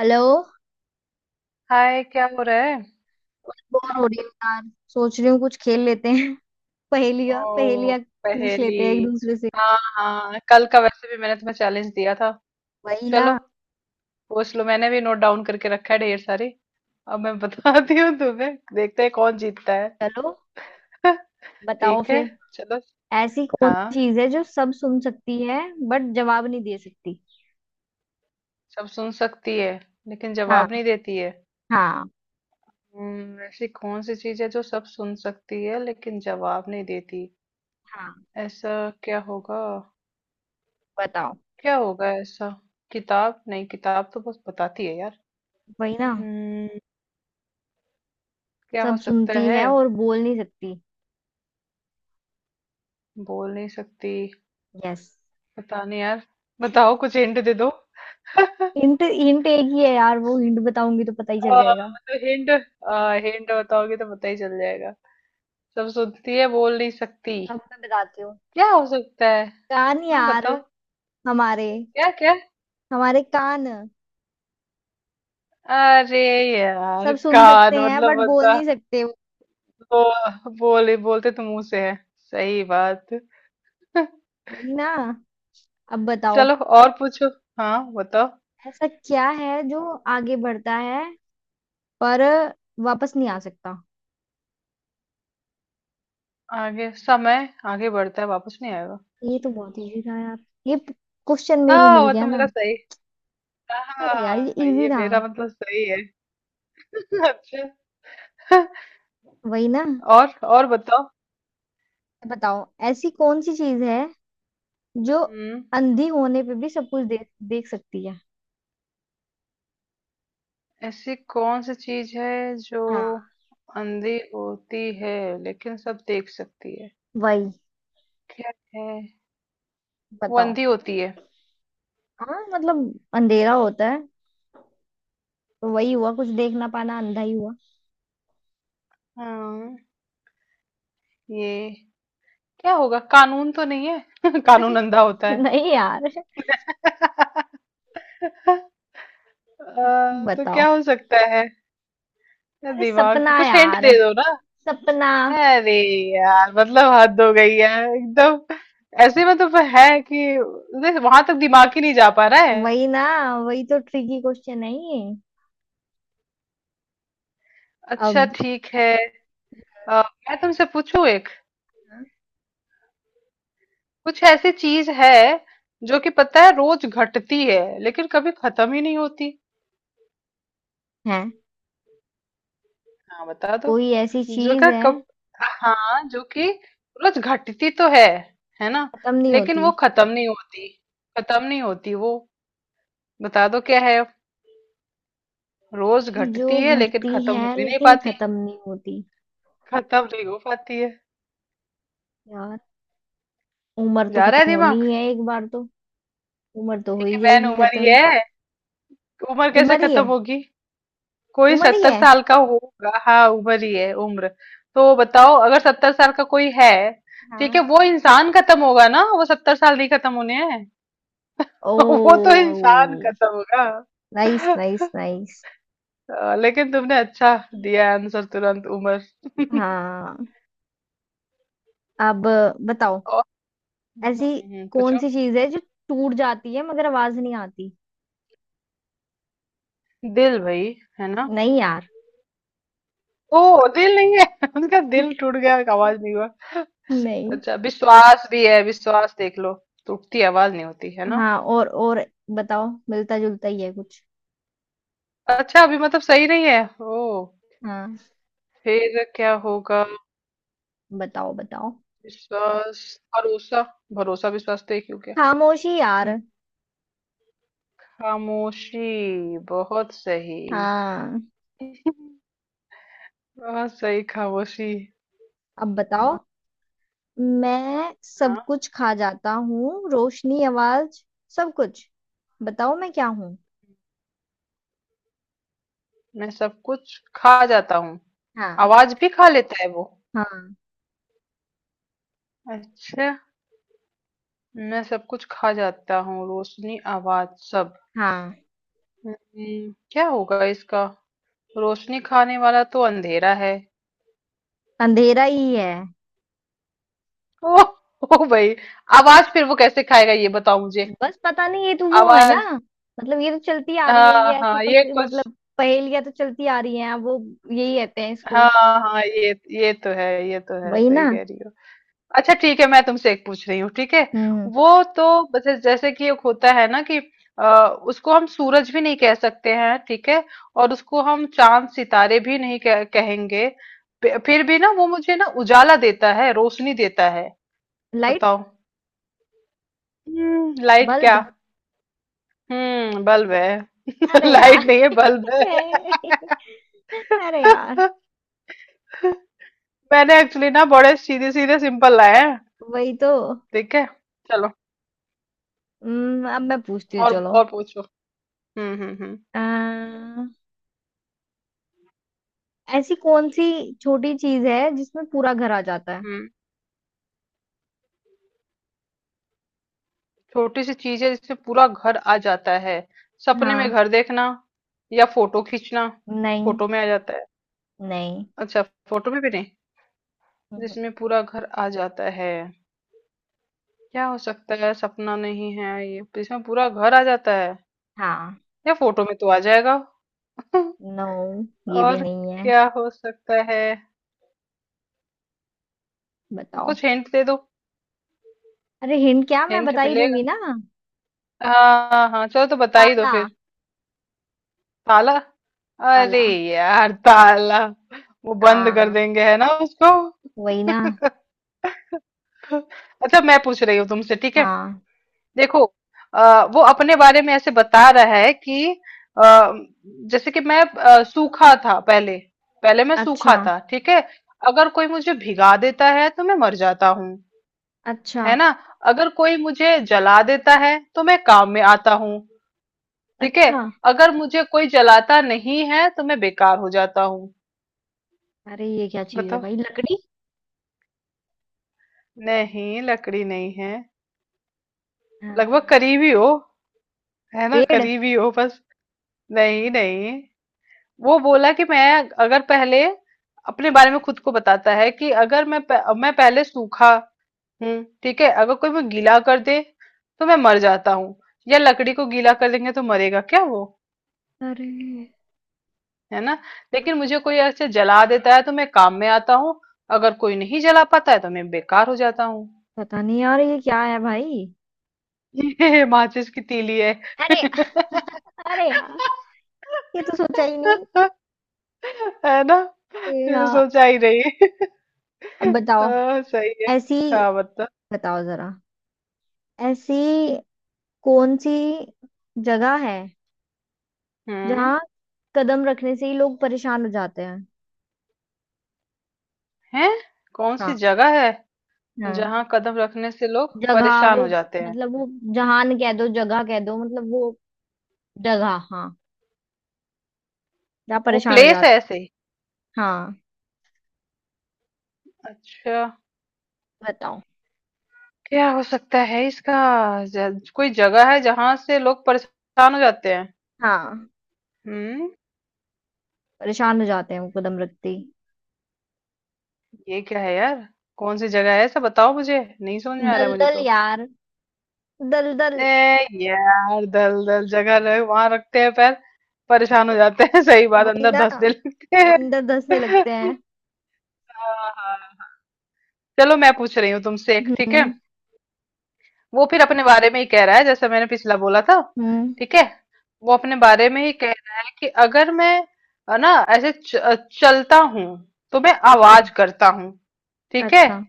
Hello. Hi, क्या हो रहा है? बोर हो रही हूँ यार। सोच रही हूँ कुछ खेल लेते हैं। पहेलियाँ ओ, पहेलियाँ पूछ पहेली। लेते हैं एक दूसरे से। हाँ हाँ, कल का वैसे भी मैंने तुम्हें चैलेंज दिया था। वही चलो, ना। पूछ लो, मैंने भी नोट डाउन करके रखा है ढेर सारी। अब मैं बताती हूँ तुम्हें, देखते हैं कौन जीतता है। चलो बताओ ठीक है, फिर। चलो। ऐसी कौन हाँ, सी चीज है जो सब सुन सकती है बट जवाब नहीं दे सकती। सब सुन सकती है लेकिन हाँ, जवाब नहीं देती है। हाँ, ऐसी कौन सी चीज है जो सब सुन सकती है लेकिन जवाब नहीं देती? हाँ, ऐसा क्या होगा? बताओ। क्या होगा ऐसा? किताब? नहीं, किताब तो बस बताती है यार। वही ना। हम्म, क्या हो सब सकता सुनती है? है और बोल नहीं सकती। बोल नहीं सकती। यस। पता नहीं यार, बताओ कुछ हिंट दे दो हिंट हिंट एक ही है यार, वो हिंट बताऊंगी तो पता ही चल जाएगा। तो हिंट, हिंट बताओगे तो पता ही चल जाएगा। सब सुनती है, बोल नहीं सकती। अब मैं बताती हूँ। क्या हो सकता है? कान हाँ, यार। बताओ। हमारे क्या क्या? हमारे कान अरे यार, सब सुन सकते कान हैं मतलब बट बोल बता। नहीं सकते। वो बोले बोलते तो मुंह से है। सही बात। वही ना। अब बताओ। चलो, और पूछो। हाँ, बताओ। ऐसा क्या है जो आगे बढ़ता है पर वापस नहीं आ सकता। आगे, समय आगे बढ़ता है, वापस नहीं आएगा। ये तो बहुत इजी था यार। ये क्वेश्चन में वो हाँ, मिल वो तो गया मेरा ना। सही। अरे यार, ये हाँ, इजी ये था। मेरा मतलब सही है। अच्छा। वही ना। और बताओ। बताओ ऐसी कौन सी चीज है जो हम्म अंधी होने पे भी सब कुछ देख देख सकती है। ऐसी कौन सी चीज है जो हाँ, अंधी होती है लेकिन सब देख सकती है? वही। क्या है? वो बताओ। अंधी होती है। हाँ, मतलब अंधेरा होता है तो वही हुआ, कुछ देख ना पाना अंधा ही हुआ। हाँ। ये क्या होगा, कानून तो नहीं है? कानून अरे, अंधा होता है। नहीं यार। अ, तो बताओ। क्या हो सकता है? अरे दिमाग, सपना तो कुछ हिंट यार, दे दो। सपना। अरे यार, मतलब हद हो गई है एकदम। ऐसे मतलब है कि वहां तक दिमाग ही नहीं जा पा रहा है। वही ना, वही तो ट्रिकी क्वेश्चन है ये। अच्छा अब ठीक है। अ, मैं तुमसे पूछूं एक। हाँ। कुछ ऐसी चीज है जो कि पता है, रोज घटती है लेकिन कभी खत्म ही नहीं होती। है। हाँ बता दो। कोई ऐसी जो चीज कि, है, कब? हाँ, जो कि रोज घटती तो है ना? खत्म नहीं लेकिन होती, वो खत्म नहीं होती। खत्म नहीं होती वो। बता दो क्या है। रोज जो घटती है लेकिन घटती खत्म है हो ही नहीं लेकिन पाती। खत्म नहीं होती। खत्म नहीं हो पाती है। यार उम्र तो जा रहा है खत्म होनी दिमाग। ही है एक बार तो। उम्र तो हो ये ही वैन जाएगी उम्र ही खत्म। है। उम्र कैसे उम्र ही है। खत्म होगी? कोई उम्र ही सत्तर है। साल का होगा, हाँ, उम्र ही है, उम्र। तो बताओ, अगर सत्तर साल का कोई है, ठीक हाँ। है, वो इंसान खत्म होगा ना, वो सत्तर साल नहीं खत्म होने हैं। ओ। वो तो इंसान खत्म होगा। Nice, nice, nice. लेकिन तुमने अच्छा दिया आंसर, तुरंत उम्र। हाँ, अब बताओ। और, ऐसी हम्म, कौन पूछो। सी चीज है जो टूट जाती है मगर आवाज नहीं आती। दिल, भाई, है ना? नहीं यार। ओ, दिल नहीं है। उनका दिल टूट गया, आवाज नहीं हुआ। नहीं। अच्छा, विश्वास भी है, विश्वास देख लो तो उठती, आवाज नहीं होती, है ना? हाँ, और बताओ, मिलता जुलता ही है कुछ। अच्छा, अभी मतलब सही नहीं है? ओ, हाँ, फिर क्या होगा? बताओ बताओ। विश्वास, भरोसा। भरोसा विश्वास तो एक ही हो गया। खामोशी यार। हम्म, खामोशी बहुत सही। हाँ, बहुत सही, खामोशी। अब बताओ। मैं सब हाँ, कुछ खा जाता हूँ, रोशनी, आवाज, सब कुछ। बताओ मैं क्या हूँ। मैं सब कुछ खा जाता हूँ। हाँ। आवाज भी खा लेता है वो। हाँ। अच्छा। मैं सब कुछ खा जाता हूँ, रोशनी, आवाज, सब। हाँ, क्या होगा इसका? रोशनी खाने वाला तो अंधेरा है। अंधेरा ही है। ओ, ओ भाई, आवाज फिर वो कैसे खाएगा, ये बताओ मुझे। बस पता नहीं, ये तो वो है ना, आवाज, मतलब ये तो चलती आ रही है, हाँ ये ऐसी हाँ, ये पंक्ति, कुछ, मतलब पहेलियां तो चलती आ रही हैं, अब वो यही कहते हैं इसको। हाँ हाँ ये तो है, ये तो है, वही सही ना। कह रही हो। अच्छा ठीक है, मैं तुमसे एक पूछ रही हूँ, ठीक है? हम्म वो तो, जैसे, जैसे कि एक होता है ना कि उसको हम सूरज भी नहीं कह सकते हैं, ठीक है, और उसको हम चांद सितारे भी नहीं कहेंगे। फिर भी ना वो मुझे ना उजाला देता है, रोशनी देता है। लाइट। बताओ। Light bulb. क्या? बल्ब है। अरे यार। लाइट नहीं है, बल्ब है। है। अरे यार। मैंने एक्चुअली ना बड़े सीधे सीधे सिंपल लाए हैं। वही तो। ठीक है, चलो। अब मैं पूछती हूँ, और चलो। और पूछो। हम्म हम्म हम्म अह, ऐसी कौन सी छोटी चीज है जिसमें पूरा घर आ जाता है। हम्म। छोटी सी चीज है जिससे पूरा घर आ जाता है। सपने में हाँ। घर देखना? या फोटो खींचना? नहीं। फोटो में आ जाता है? नहीं। अच्छा, फोटो में भी नहीं? हम्म। जिसमें पूरा घर आ जाता है, क्या हो सकता है? सपना नहीं है ये, जिसमें पूरा घर आ जाता है? हाँ। या फोटो में तो आ जाएगा। नो, ये भी और नहीं है। क्या हो सकता है? बताओ। कुछ हिंट दे दो। अरे हिंट क्या, मैं हिंट बता ही मिलेगा? दूंगी ना। हाँ हाँ, चलो तो बता ही दो ताला। फिर। ताला? अरे ताला। यार, ताला! वो बंद कर हाँ। देंगे है ना उसको? वही ना। अच्छा, मैं पूछ रही हूँ तुमसे, ठीक है? हाँ। देखो, वो अपने बारे में ऐसे बता रहा है कि आ, जैसे कि मैं सूखा था पहले। पहले मैं अच्छा, सूखा था, ठीक है। अगर कोई मुझे भिगा देता है तो मैं मर जाता हूँ, अच्छा, है ना? अगर कोई मुझे जला देता है तो मैं काम में आता हूँ, ठीक है। अच्छा। अगर मुझे कोई जलाता नहीं है तो मैं बेकार हो जाता हूँ। अरे ये क्या चीज है बताओ। भाई, लकड़ी। नहीं, लकड़ी नहीं है। लगभग अह, करीबी हो, है ना? पेड़। करीबी हो, बस। नहीं नहीं। वो बोला कि मैं, अगर पहले, अपने बारे में खुद को बताता है कि अगर मैं मैं पहले सूखा हूँ, ठीक है? अगर कोई मैं गीला कर दे तो मैं मर जाता हूँ। या लकड़ी को गीला कर देंगे तो मरेगा क्या वो? अरे है ना? लेकिन मुझे कोई ऐसे जला देता है तो मैं काम में आता हूँ। अगर कोई नहीं जला पाता है तो मैं बेकार हो जाता हूँ। पता नहीं यार, ये क्या है भाई। ये माचिस की तीली है। अरे। अरे यार, ये तो सोचा ही नहीं। है ना? ए, ये हाँ। सोचा ही नहीं। अब बताओ। हाँ, सही है। ऐसी। हाँ, बता। बताओ जरा। ऐसी कौन सी जगह है हम्म जहाँ कदम रखने से ही लोग परेशान हो जाते हैं। है। कौन सी हाँ। जगह है हाँ। जहाँ कदम रखने से लोग जगह, परेशान वो हो जाते हैं? मतलब वो, जहान कह दो जगह कह दो, मतलब वो जगह, हाँ, जहाँ वो परेशान हो प्लेस है जाते ऐसे ही। हैं। हाँ, अच्छा, बताओ। क्या हो सकता है इसका? कोई जगह है जहां से लोग परेशान हो जाते हैं। हाँ, हम्म परेशान हो जाते हैं वो कदम रखते ही। ये क्या है यार? कौन सी जगह है ऐसा, बताओ मुझे, नहीं समझ में आ रहा है मुझे दलदल तो। यार, ए, दलदल। यार, दल दल जगह रहे, वहां रखते हैं पैर, परेशान हो जाते हैं। सही बात, वही अंदर ना, धंसने लगते हैं। अंदर धंसने लगते हैं। हाँ, हाँ। चलो, मैं पूछ रही हूँ तुमसे एक, ठीक है? हम्म। वो फिर अपने बारे में ही कह रहा है जैसे मैंने पिछला बोला था। हम्म। ठीक है, वो अपने बारे में ही कह रहा है कि अगर मैं, है ना, ऐसे चलता हूँ, तो मैं अच्छा, आवाज करता हूँ, ठीक है। अच्छा।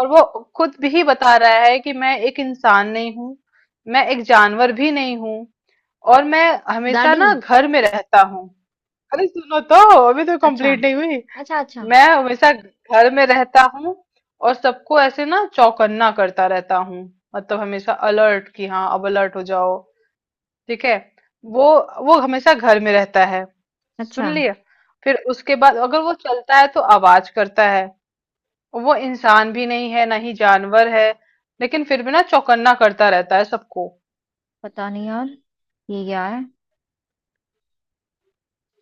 और वो खुद भी बता रहा है कि मैं एक इंसान नहीं हूँ, मैं एक जानवर भी नहीं हूँ, और मैं हमेशा गाड़ी। ना घर में रहता हूँ। अरे सुनो तो, अभी तो अच्छा, कंप्लीट नहीं हुई। अच्छा। अच्छा, मैं हमेशा घर में रहता हूँ और सबको ऐसे ना चौकन्ना करता रहता हूँ, मतलब हमेशा अलर्ट, कि हाँ अब अलर्ट हो जाओ, ठीक है? वो वो हमेशा घर में रहता है, अच्छा। सुन लिया? फिर उसके बाद अगर वो चलता है तो आवाज करता है। वो इंसान भी नहीं है ना ही जानवर है, लेकिन फिर भी ना चौकन्ना करता रहता है सबको। पता नहीं यार, ये क्या है,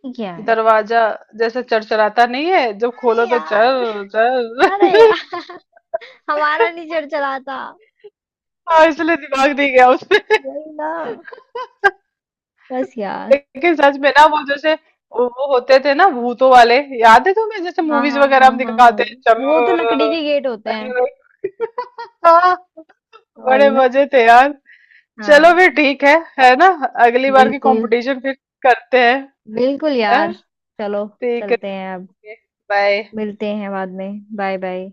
ये क्या है। दरवाजा, जैसे चरचराता नहीं है जब खोलो अरे तो, यार, चल अरे चल। यार। हमारा नहीं चढ़ चला था। हाँ, इसलिए दिमाग दी गया उसमें। वही ना। बस यार। लेकिन सच में ना, वो जैसे, वो होते थे ना भूतों वाले, याद है तुम्हें, जैसे हाँ, मूवीज हाँ, वगैरह हाँ, हम हाँ, हाँ। दिखाते हैं, वो तो लकड़ी चम के गेट होते हैं। हाँ, बड़े वही ना। मजे थे यार। चलो फिर, हाँ। ठीक है ना? अगली बार की बिल्कुल। कंपटीशन फिर करते हैं, बिल्कुल है? यार। चलो, ठीक है, चलते हैं अब। बाय। मिलते हैं बाद में, बाय बाय।